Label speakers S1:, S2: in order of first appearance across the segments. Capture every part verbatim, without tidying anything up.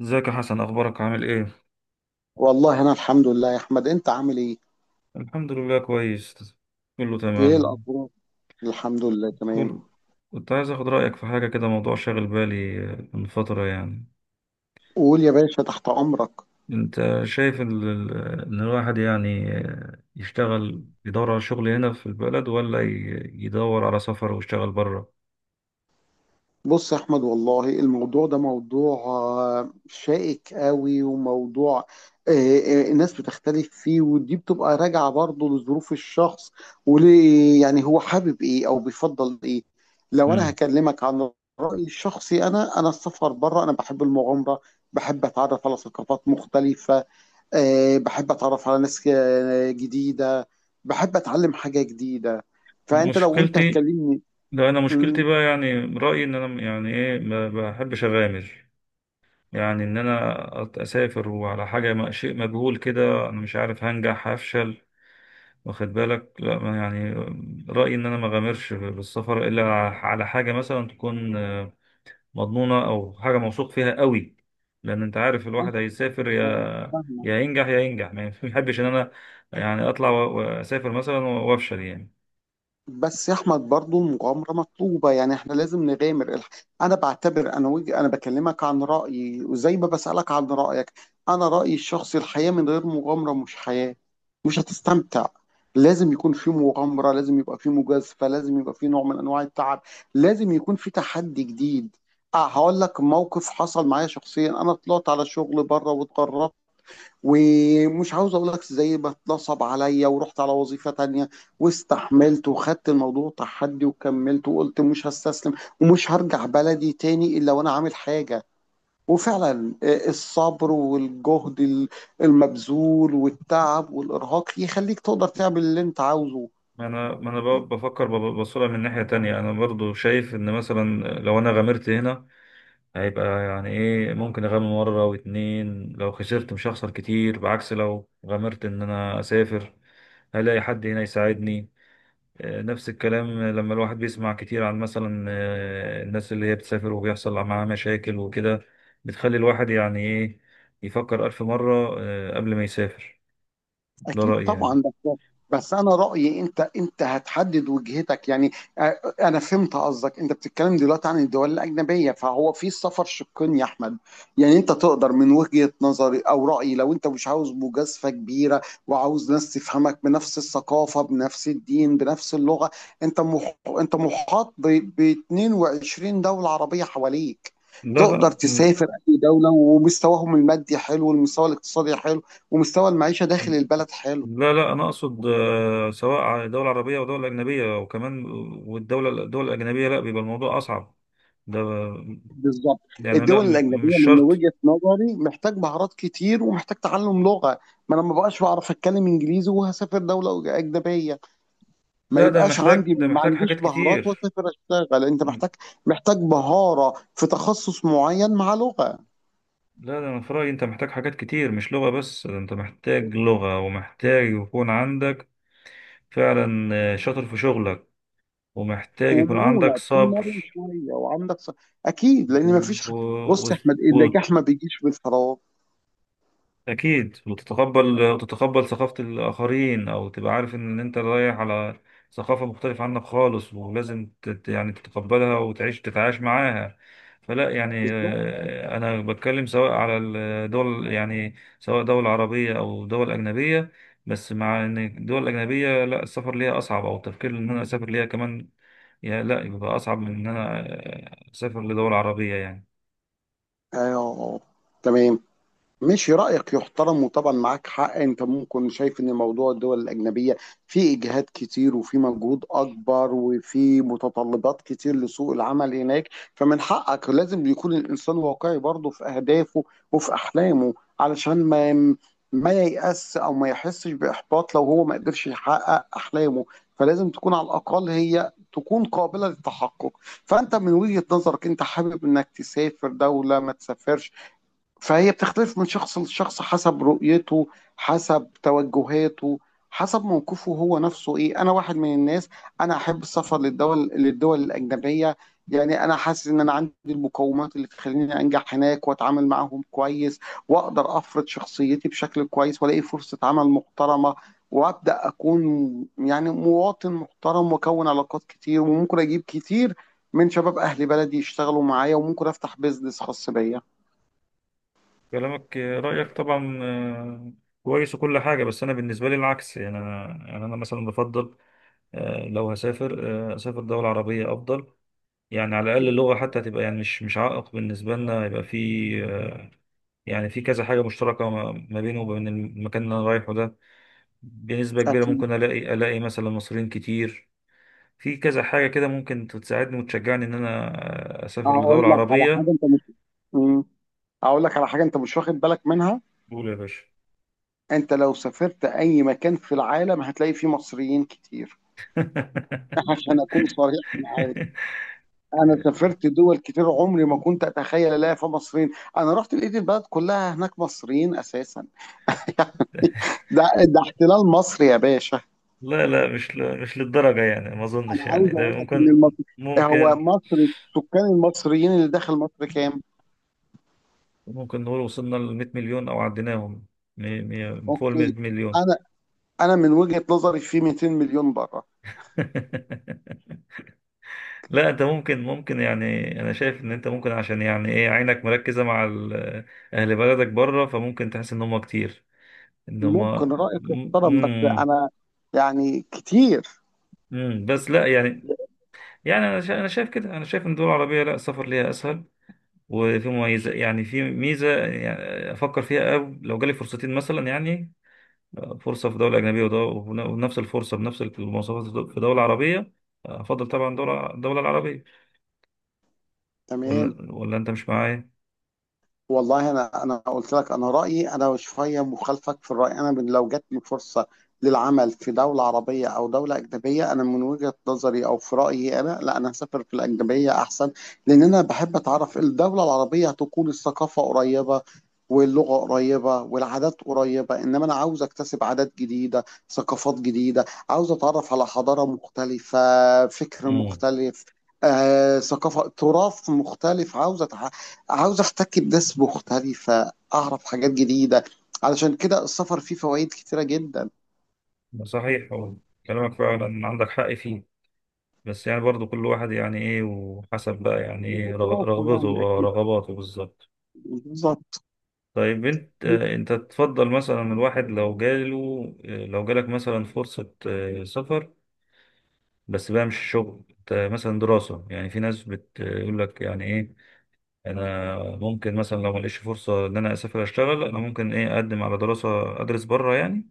S1: ازيك يا حسن؟ اخبارك؟ عامل ايه؟
S2: والله انا الحمد لله يا احمد. انت عامل ايه؟
S1: الحمد لله كويس. كله
S2: ايه
S1: تمام.
S2: الاخبار؟ الحمد لله، تمام.
S1: كل كنت عايز اخد رايك في حاجه كده، موضوع شاغل بالي آه، من فتره يعني.
S2: قول يا باشا، تحت امرك.
S1: انت شايف ال- ال- ان الواحد يعني آه، يشتغل يدور على شغل هنا في البلد، ولا ي- يدور على سفر ويشتغل بره؟
S2: بص يا احمد، والله الموضوع ده موضوع آه، شائك قوي، وموضوع آه، آه، الناس بتختلف فيه، ودي بتبقى راجعة برضه لظروف الشخص، وليه يعني هو حابب ايه او بيفضل ايه. لو انا
S1: مم.
S2: هكلمك عن رأيي الشخصي، انا انا السفر بره، انا بحب المغامرة، بحب اتعرف على ثقافات مختلفة، آه، بحب اتعرف على ناس آه، جديده، بحب اتعلم حاجه جديده.
S1: انا
S2: فانت لو انت
S1: مشكلتي
S2: هتكلمني.
S1: لا انا مشكلتي
S2: امم.
S1: بقى، يعني رايي ان انا يعني ايه، ما بحبش اغامر. يعني ان انا أت- اسافر وعلى حاجه ما- شيء مجهول كده، انا مش عارف هنجح هفشل. واخد بالك؟ لا ما يعني، رأيي إن أنا ما غامرش بالسفر إلا على حاجة مثلا تكون آه، مضمونة أو حاجة موثوق فيها قوي. لأن أنت عارف الواحد
S2: بس
S1: هيسافر
S2: آه،
S1: يا
S2: فاهمك.
S1: يا ينجح يا ينجح، ما بيحبش إن أنا يعني أطلع و- وأسافر مثلا وأفشل يعني.
S2: بس يا احمد، برضو المغامره مطلوبه، يعني احنا لازم نغامر الح- انا بعتبر، انا وجه انا بكلمك عن رايي، وزي ما بسالك عن رايك. انا رايي الشخصي، الحياه من غير مغامره مش حياه، مش هتستمتع. لازم يكون في مغامره، لازم يبقى في مجازفه، لازم يبقى في نوع من انواع التعب، لازم يكون في تحدي جديد. اه هقول لك موقف حصل معايا شخصيا. انا طلعت على شغل بره واتغربت، ومش عاوز اقول لك زي ما اتنصب عليا، ورحت على وظيفة تانية، واستحملت وخدت الموضوع تحدي، وكملت وقلت مش هستسلم، ومش هرجع بلدي تاني الا وانا عامل حاجة. وفعلا آه، الصبر والجهد ال- المبذول والتعب والارهاق يخليك تقدر تعمل اللي انت عاوزه.
S1: ما أنا ما أنا ب- بفكر ببصلها من ناحية تانية. أنا برضو شايف إن مثلا لو أنا غامرت هنا، هيبقى يعني ايه، ممكن اغامر مرة واتنين، لو خسرت مش هخسر كتير. بعكس لو غامرت ان انا اسافر، هلاقي حد هنا يساعدني؟ آه، نفس الكلام لما الواحد بيسمع كتير عن مثلا آه، الناس اللي هي بتسافر وبيحصل معاها مشاكل وكده، بتخلي الواحد يعني ايه، يفكر ألف مرة آه، قبل ما يسافر. ده
S2: اكيد
S1: رأيي يعني.
S2: طبعا. بس بس انا رايي، انت انت هتحدد وجهتك، يعني آه، انا فهمت قصدك. انت بتتكلم دلوقتي عن الدول الاجنبيه، فهو في السفر شقين يا احمد. يعني انت تقدر، من وجهه نظري او رايي، لو انت مش عاوز مجازفه كبيره وعاوز ناس تفهمك بنفس الثقافه، بنفس الدين، بنفس اللغه، انت مح... انت محاط ب... ب اتنين وعشرين دوله عربيه حواليك.
S1: لا
S2: تقدر
S1: لا
S2: تسافر اي دوله، ومستواهم المادي حلو، والمستوى الاقتصادي حلو، ومستوى المعيشة داخل البلد حلو.
S1: لا لا انا اقصد آه، سواء دوله عربيه او دوله اجنبيه، وكمان والدوله الدول الاجنبيه لا، بيبقى الموضوع اصعب. ده
S2: بالظبط.
S1: يعني لا،
S2: الدول
S1: م- مش
S2: الأجنبية من
S1: شرط.
S2: وجهة نظري محتاج مهارات كتير، ومحتاج تعلم لغة. ما أنا ما بقاش بعرف أتكلم إنجليزي وهسافر دولة أجنبية، ما
S1: لا ده
S2: يبقاش
S1: محتاج،
S2: عندي،
S1: ده
S2: ما
S1: محتاج
S2: عنديش
S1: حاجات
S2: مهارات،
S1: كتير.
S2: وأسافر أشتغل. أنت محتاج، محتاج مهارة في تخصص معين مع لغة،
S1: لا ده انا في رايي انت محتاج حاجات كتير، مش لغه بس. ده انت محتاج لغه، ومحتاج يكون عندك فعلا آه، شاطر في شغلك، ومحتاج يكون عندك
S2: ومرونة، تكون
S1: صبر
S2: مرن شوية وعندك ص... أكيد، لأن ما
S1: و...
S2: فيش. بص يا أحمد،
S1: و...
S2: النجاح ما بيجيش بالفراغ.
S1: أكيد. وتتقبل وتتقبل ثقافة الآخرين، أو تبقى عارف إن أنت رايح على ثقافة مختلفة عنك خالص، ولازم تت يعني تتقبلها وتعيش تتعايش معاها. فلا يعني
S2: بالظبط.
S1: آه، أنا بتكلم سواء على الدول يعني، سواء دول عربية أو دول أجنبية. بس مع إن الدول الأجنبية لا، السفر ليها أصعب، أو التفكير إن أنا أسافر ليها كمان يا لا، يبقى أصعب من إن أنا آه، أسافر لدول عربية يعني.
S2: أيوه. تمام. ماشي، رأيك يحترم، وطبعا معاك حق. انت ممكن شايف ان موضوع الدول الأجنبية فيه إجهاد كتير، وفيه مجهود أكبر، وفيه متطلبات كتير لسوق العمل هناك. فمن حقك. لازم يكون الإنسان واقعي برضه في أهدافه وفي أحلامه، علشان ما ما ييأس، أو ما يحسش بإحباط لو هو ما قدرش يحقق أحلامه. فلازم تكون على الأقل هي تكون قابلة للتحقق. فأنت من وجهة نظرك، أنت حابب إنك تسافر دولة، ما تسافرش. فهي بتختلف من شخص لشخص، حسب رؤيته، حسب توجهاته، حسب موقفه هو نفسه. ايه، انا واحد من الناس، انا احب السفر للدول للدول الاجنبيه. يعني انا حاسس ان انا عندي المقومات اللي تخليني انجح هناك واتعامل معاهم كويس، واقدر افرض شخصيتي بشكل كويس، والاقي فرصه عمل محترمه، وابدا اكون يعني مواطن محترم، واكون علاقات كتير، وممكن اجيب كتير من شباب اهل بلدي يشتغلوا معايا، وممكن افتح بيزنس خاص بيا.
S1: كلامك رأيك طبعا آه، كويس وكل حاجة، بس أنا بالنسبة لي العكس يعني. أنا يعني أنا مثلا بفضل آه، لو هسافر، آه، أسافر دولة عربية أفضل. يعني على الأقل اللغة حتى تبقى يعني مش مش عائق بالنسبة لنا، يبقى في آه، يعني في كذا حاجة مشتركة ما ما بينه وبين المكان اللي أنا رايحه ده. بنسبة كبيرة
S2: اكيد.
S1: ممكن ألاقي ألاقي مثلا مصريين كتير، في كذا حاجة كده ممكن تساعدني وتشجعني إن أنا آه، أسافر
S2: اقول
S1: لدولة
S2: لك على حاجه
S1: عربية.
S2: انت مش مم. اقول لك على حاجه انت مش واخد بالك منها.
S1: قول يا باشا.
S2: انت لو سافرت اي مكان في العالم هتلاقي فيه مصريين كتير. عشان اكون صريح معاك، انا سافرت دول كتير عمري ما كنت اتخيل الاقي فيها مصريين. انا رحت لقيت البلد كلها هناك مصريين اساسا. ده ده احتلال مصري يا باشا.
S1: لا لا، مش ل... مش للدرجة يعني، ما
S2: انا
S1: أظنش يعني.
S2: عاوز
S1: ده
S2: اقول لك ان
S1: ممكن،
S2: المصري، هو
S1: ممكن
S2: مصر السكان المصريين اللي داخل مصر كام؟
S1: ممكن نقول وصلنا ل مية مليون أو عديناهم. مي... مي... فوق ال مية
S2: اوكي.
S1: مليون.
S2: انا انا من وجهة نظري في مئتين مليون بره.
S1: لا أنت ممكن، ممكن يعني أنا شايف إن أنت ممكن، عشان يعني إيه، عينك مركزة مع ال- أهل بلدك بره، فممكن تحس إن هم كتير، إن هم م-
S2: ممكن رأيك يحترم، بس
S1: م-
S2: أنا يعني كتير.
S1: م- بس لا يعني. يعني أنا شا- أنا شايف كده، أنا شايف إن الدول العربية لا، السفر ليها أسهل. وفي مميزة يعني في ميزة يعني أفكر فيها. أو لو جالي فرصتين مثلا يعني، فرصة في دولة أجنبية ودو- ونفس الفرصة بنفس المواصفات في دولة عربية، أفضل طبعا دولة الدولة العربية.
S2: تمام.
S1: ولا ولا أنت مش معايا؟
S2: والله انا انا قلت لك انا رايي، انا شويه مخالفك في الراي. انا من لو جاتني فرصه للعمل في دوله عربيه او دوله اجنبيه، انا من وجهه نظري او في رايي انا، لا، انا هسافر في الاجنبيه احسن. لان انا بحب اتعرف. الدوله العربيه هتكون الثقافه قريبه، واللغه قريبه، والعادات قريبه، انما انا عاوز اكتسب عادات جديده، ثقافات جديده، عاوز اتعرف على حضاره مختلفه، فكر
S1: امم.
S2: مختلف، آه، ثقافه، تراث مختلف. عاوز أتع... عاوز احتك بناس مختلفة، اعرف حاجات جديدة. علشان كده السفر فيه فوائد كتيرة جدا.
S1: صحيح. هو كلامك فعلا عندك حق فيه، بس يعني برضو كل واحد يعني ايه، وحسب بقى يعني ايه رغ-
S2: وخبراته
S1: رغبته.
S2: يعني،
S1: اه،
S2: اكيد
S1: رغباته بالظبط.
S2: بالظبط.
S1: طيب انت آه، انت تفضل مثلا، الواحد لو جاله آه، لو جالك مثلا فرصة آه، سفر، بس بقى مش شغل، ت- مثلا دراسة. يعني في ناس بتقول لك يعني ايه، انا ممكن مثلا لو ما لقيتش فرصة ان انا اسافر اشتغل، انا ممكن ايه اقدم على دراسة، ادرس بره يعني،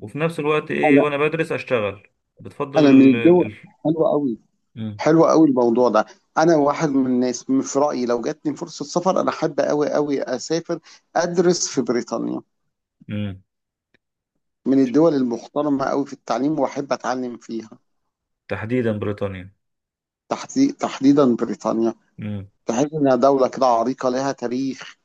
S1: وفي نفس الوقت ايه
S2: انا
S1: وانا بدرس اشتغل. بتفضل
S2: انا من
S1: ال... ال...
S2: الدول
S1: ال-
S2: حلوة قوي
S1: مم.
S2: حلوة قوي الموضوع ده. انا واحد من الناس، من- في رأيي لو جاتني فرصة سفر، انا احب قوي قوي اسافر ادرس في بريطانيا،
S1: مم.
S2: من الدول المحترمة قوي في التعليم، واحب اتعلم فيها.
S1: تحديدا بريطانيا؟
S2: تحدي- تحديدا بريطانيا.
S1: مم.
S2: تحس انها دولة كده عريقة، لها تاريخ،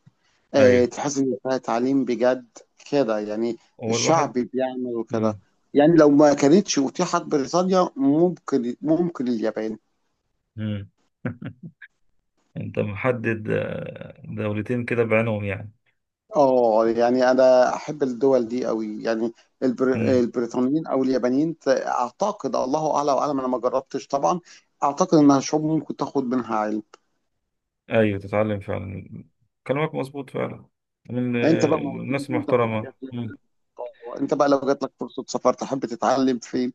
S2: آه،
S1: ايوه.
S2: تحس ان فيها تعليم بجد، كده يعني،
S1: هو
S2: الشعب
S1: الواحد؟
S2: بيعمل وكده.
S1: مم.
S2: يعني لو ما كانتش اتيحت بريطانيا، ممكن، ممكن اليابان.
S1: مم. انت محدد آه، دولتين كده بعينهم يعني؟
S2: اه يعني انا احب الدول دي قوي، يعني البر...
S1: مم.
S2: البريطانيين او اليابانيين، ت- اعتقد، الله اعلى واعلم، انا ما جربتش طبعا. اعتقد انها شعوب ممكن تاخد منها علم.
S1: ايوه، تتعلم فعلا. كلامك مظبوط فعلا، من
S2: انت
S1: آه،
S2: بقى ما
S1: الناس
S2: قلتليش انت في
S1: المحترمة.
S2: رايك لو-
S1: مم.
S2: آه، انت بقى لو جات لك فرصه سفر تحب تتعلم فين؟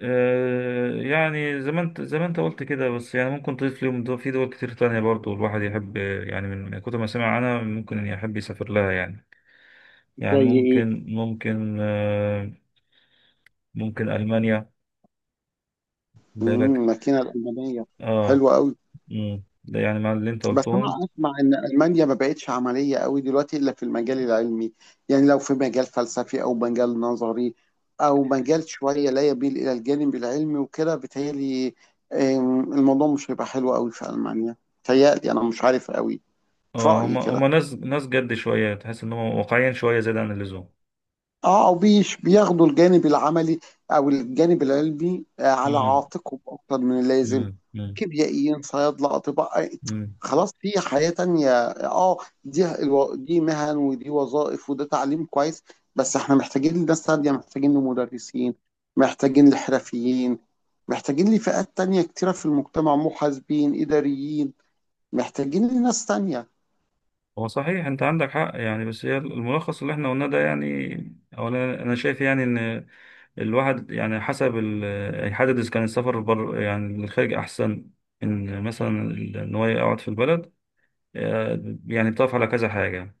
S1: آه، يعني زي ما انت، زي ما انت قلت كده، بس يعني ممكن تضيف ليهم، دول في دول كتير تانية برضو الواحد يحب يعني، من كتر ما سمع عنها ممكن يحب يسافر لها يعني. يعني
S2: زي ايه؟
S1: ممكن، ممكن آه، ممكن ألمانيا،
S2: امم،
S1: بالك؟
S2: الماكينه الالمانيه
S1: اه.
S2: حلوه قوي.
S1: مم. ده يعني مع اللي انت
S2: بس
S1: قلتهم.
S2: انا اسمع ان المانيا ما بقتش عمليه قوي دلوقتي، الا في المجال العلمي. يعني لو في مجال فلسفي، او مجال نظري، او مجال شويه لا يميل الى الجانب العلمي وكده، بيتهيألي آم، الموضوع مش هيبقى حلو قوي في المانيا، بيتهيألي، انا مش عارف قوي، في
S1: اه، هم
S2: رايي كده.
S1: هم ناس ناس جد شوية، تحس ان هم واقعيا شوية زيادة عن اللزوم.
S2: اه او بيش بياخدوا الجانب العملي، او الجانب العلمي، آه، على
S1: مم.
S2: عاتقهم اكتر من اللازم.
S1: مم. مم.
S2: كيميائيين، صيادله، اطباء، آه،
S1: مم.
S2: خلاص، في حياه تانية. اه، دي الو- دي مهن، ودي وظائف، وده تعليم كويس، بس احنا محتاجين لناس تانية، محتاجين لمدرسين، محتاجين لحرفيين، محتاجين لفئات تانية كتيرة في المجتمع، محاسبين، إداريين، محتاجين لناس تانية.
S1: هو صحيح انت عندك حق يعني، بس هي الملخص اللي احنا قلناه ده يعني. اولا انا شايف يعني ان الواحد يعني حسب ال- يحدد إذا كان السفر بر يعني للخارج أحسن، إن مثلا ال- إن هو يقعد في البلد. آه، يعني بتقف على كذا حاجة: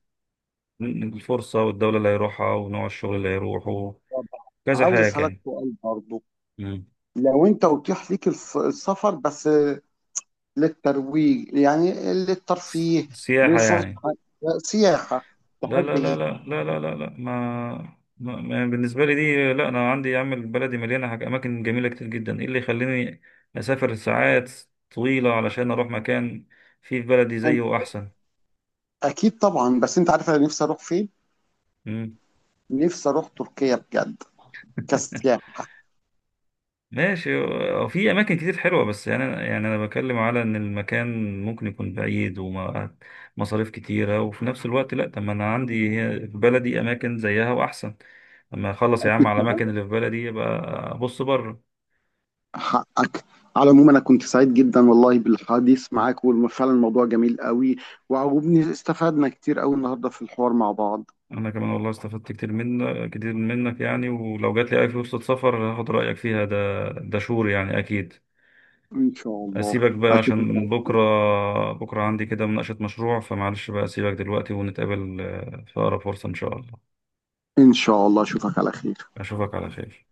S1: الفرصة، والدولة اللي هيروحها، ونوع الشغل اللي هيروحه،
S2: طب،
S1: كذا
S2: عاوز
S1: حاجة
S2: أسألك
S1: يعني.
S2: سؤال برضو.
S1: مم.
S2: لو أنت أتيح ليك الس- السفر، بس للترويج، يعني
S1: س-
S2: للترفيه،
S1: سياحة يعني؟
S2: لفسحة، سياحة،
S1: لا
S2: تحب
S1: لا لا
S2: ايه
S1: لا لا لا لا, لا. ما ما ما- بالنسبة لي دي لا، أنا عندي يا عم بلدي مليانة حاجة، أماكن جميلة كتير جدا. إيه اللي يخليني أسافر ساعات طويلة علشان أروح مكان فيه في بلدي
S2: انت؟
S1: زيه أحسن.
S2: اكيد طبعا. بس انت عارف انا نفسي اروح فين؟
S1: مم.
S2: نفسي اروح تركيا بجد، كسياحة.
S1: ماشي. هو في اماكن كتير حلوه، بس يعني انا، يعني انا بكلم على ان المكان ممكن يكون بعيد ومصاريف كتيره، وفي نفس الوقت لا، طب ما انا عندي هي- في بلدي اماكن زيها واحسن. لما اخلص يا عم
S2: اكيد
S1: على
S2: طبعا،
S1: الاماكن اللي في بلدي، يبقى ابص بره.
S2: حقك. على العموم انا كنت سعيد جدا والله بالحديث معاك، وفعلا الموضوع جميل قوي وعجبني، استفدنا كتير قوي النهارده في الحوار مع بعض.
S1: انا كمان والله استفدت كتير منك، كتير منك يعني، ولو جات لي اي فرصه سفر هاخد رايك فيها. ده، ده شور يعني، اكيد.
S2: ان شاء الله.
S1: اسيبك بقى
S2: اشوفك
S1: عشان
S2: على-
S1: بكره، بكره عندي كده مناقشه مشروع، فمعلش بقى اسيبك دلوقتي، ونتقابل آه، في اقرب فرصه ان شاء الله.
S2: ان شاء الله اشوفك على خير.
S1: أشوفك على خير.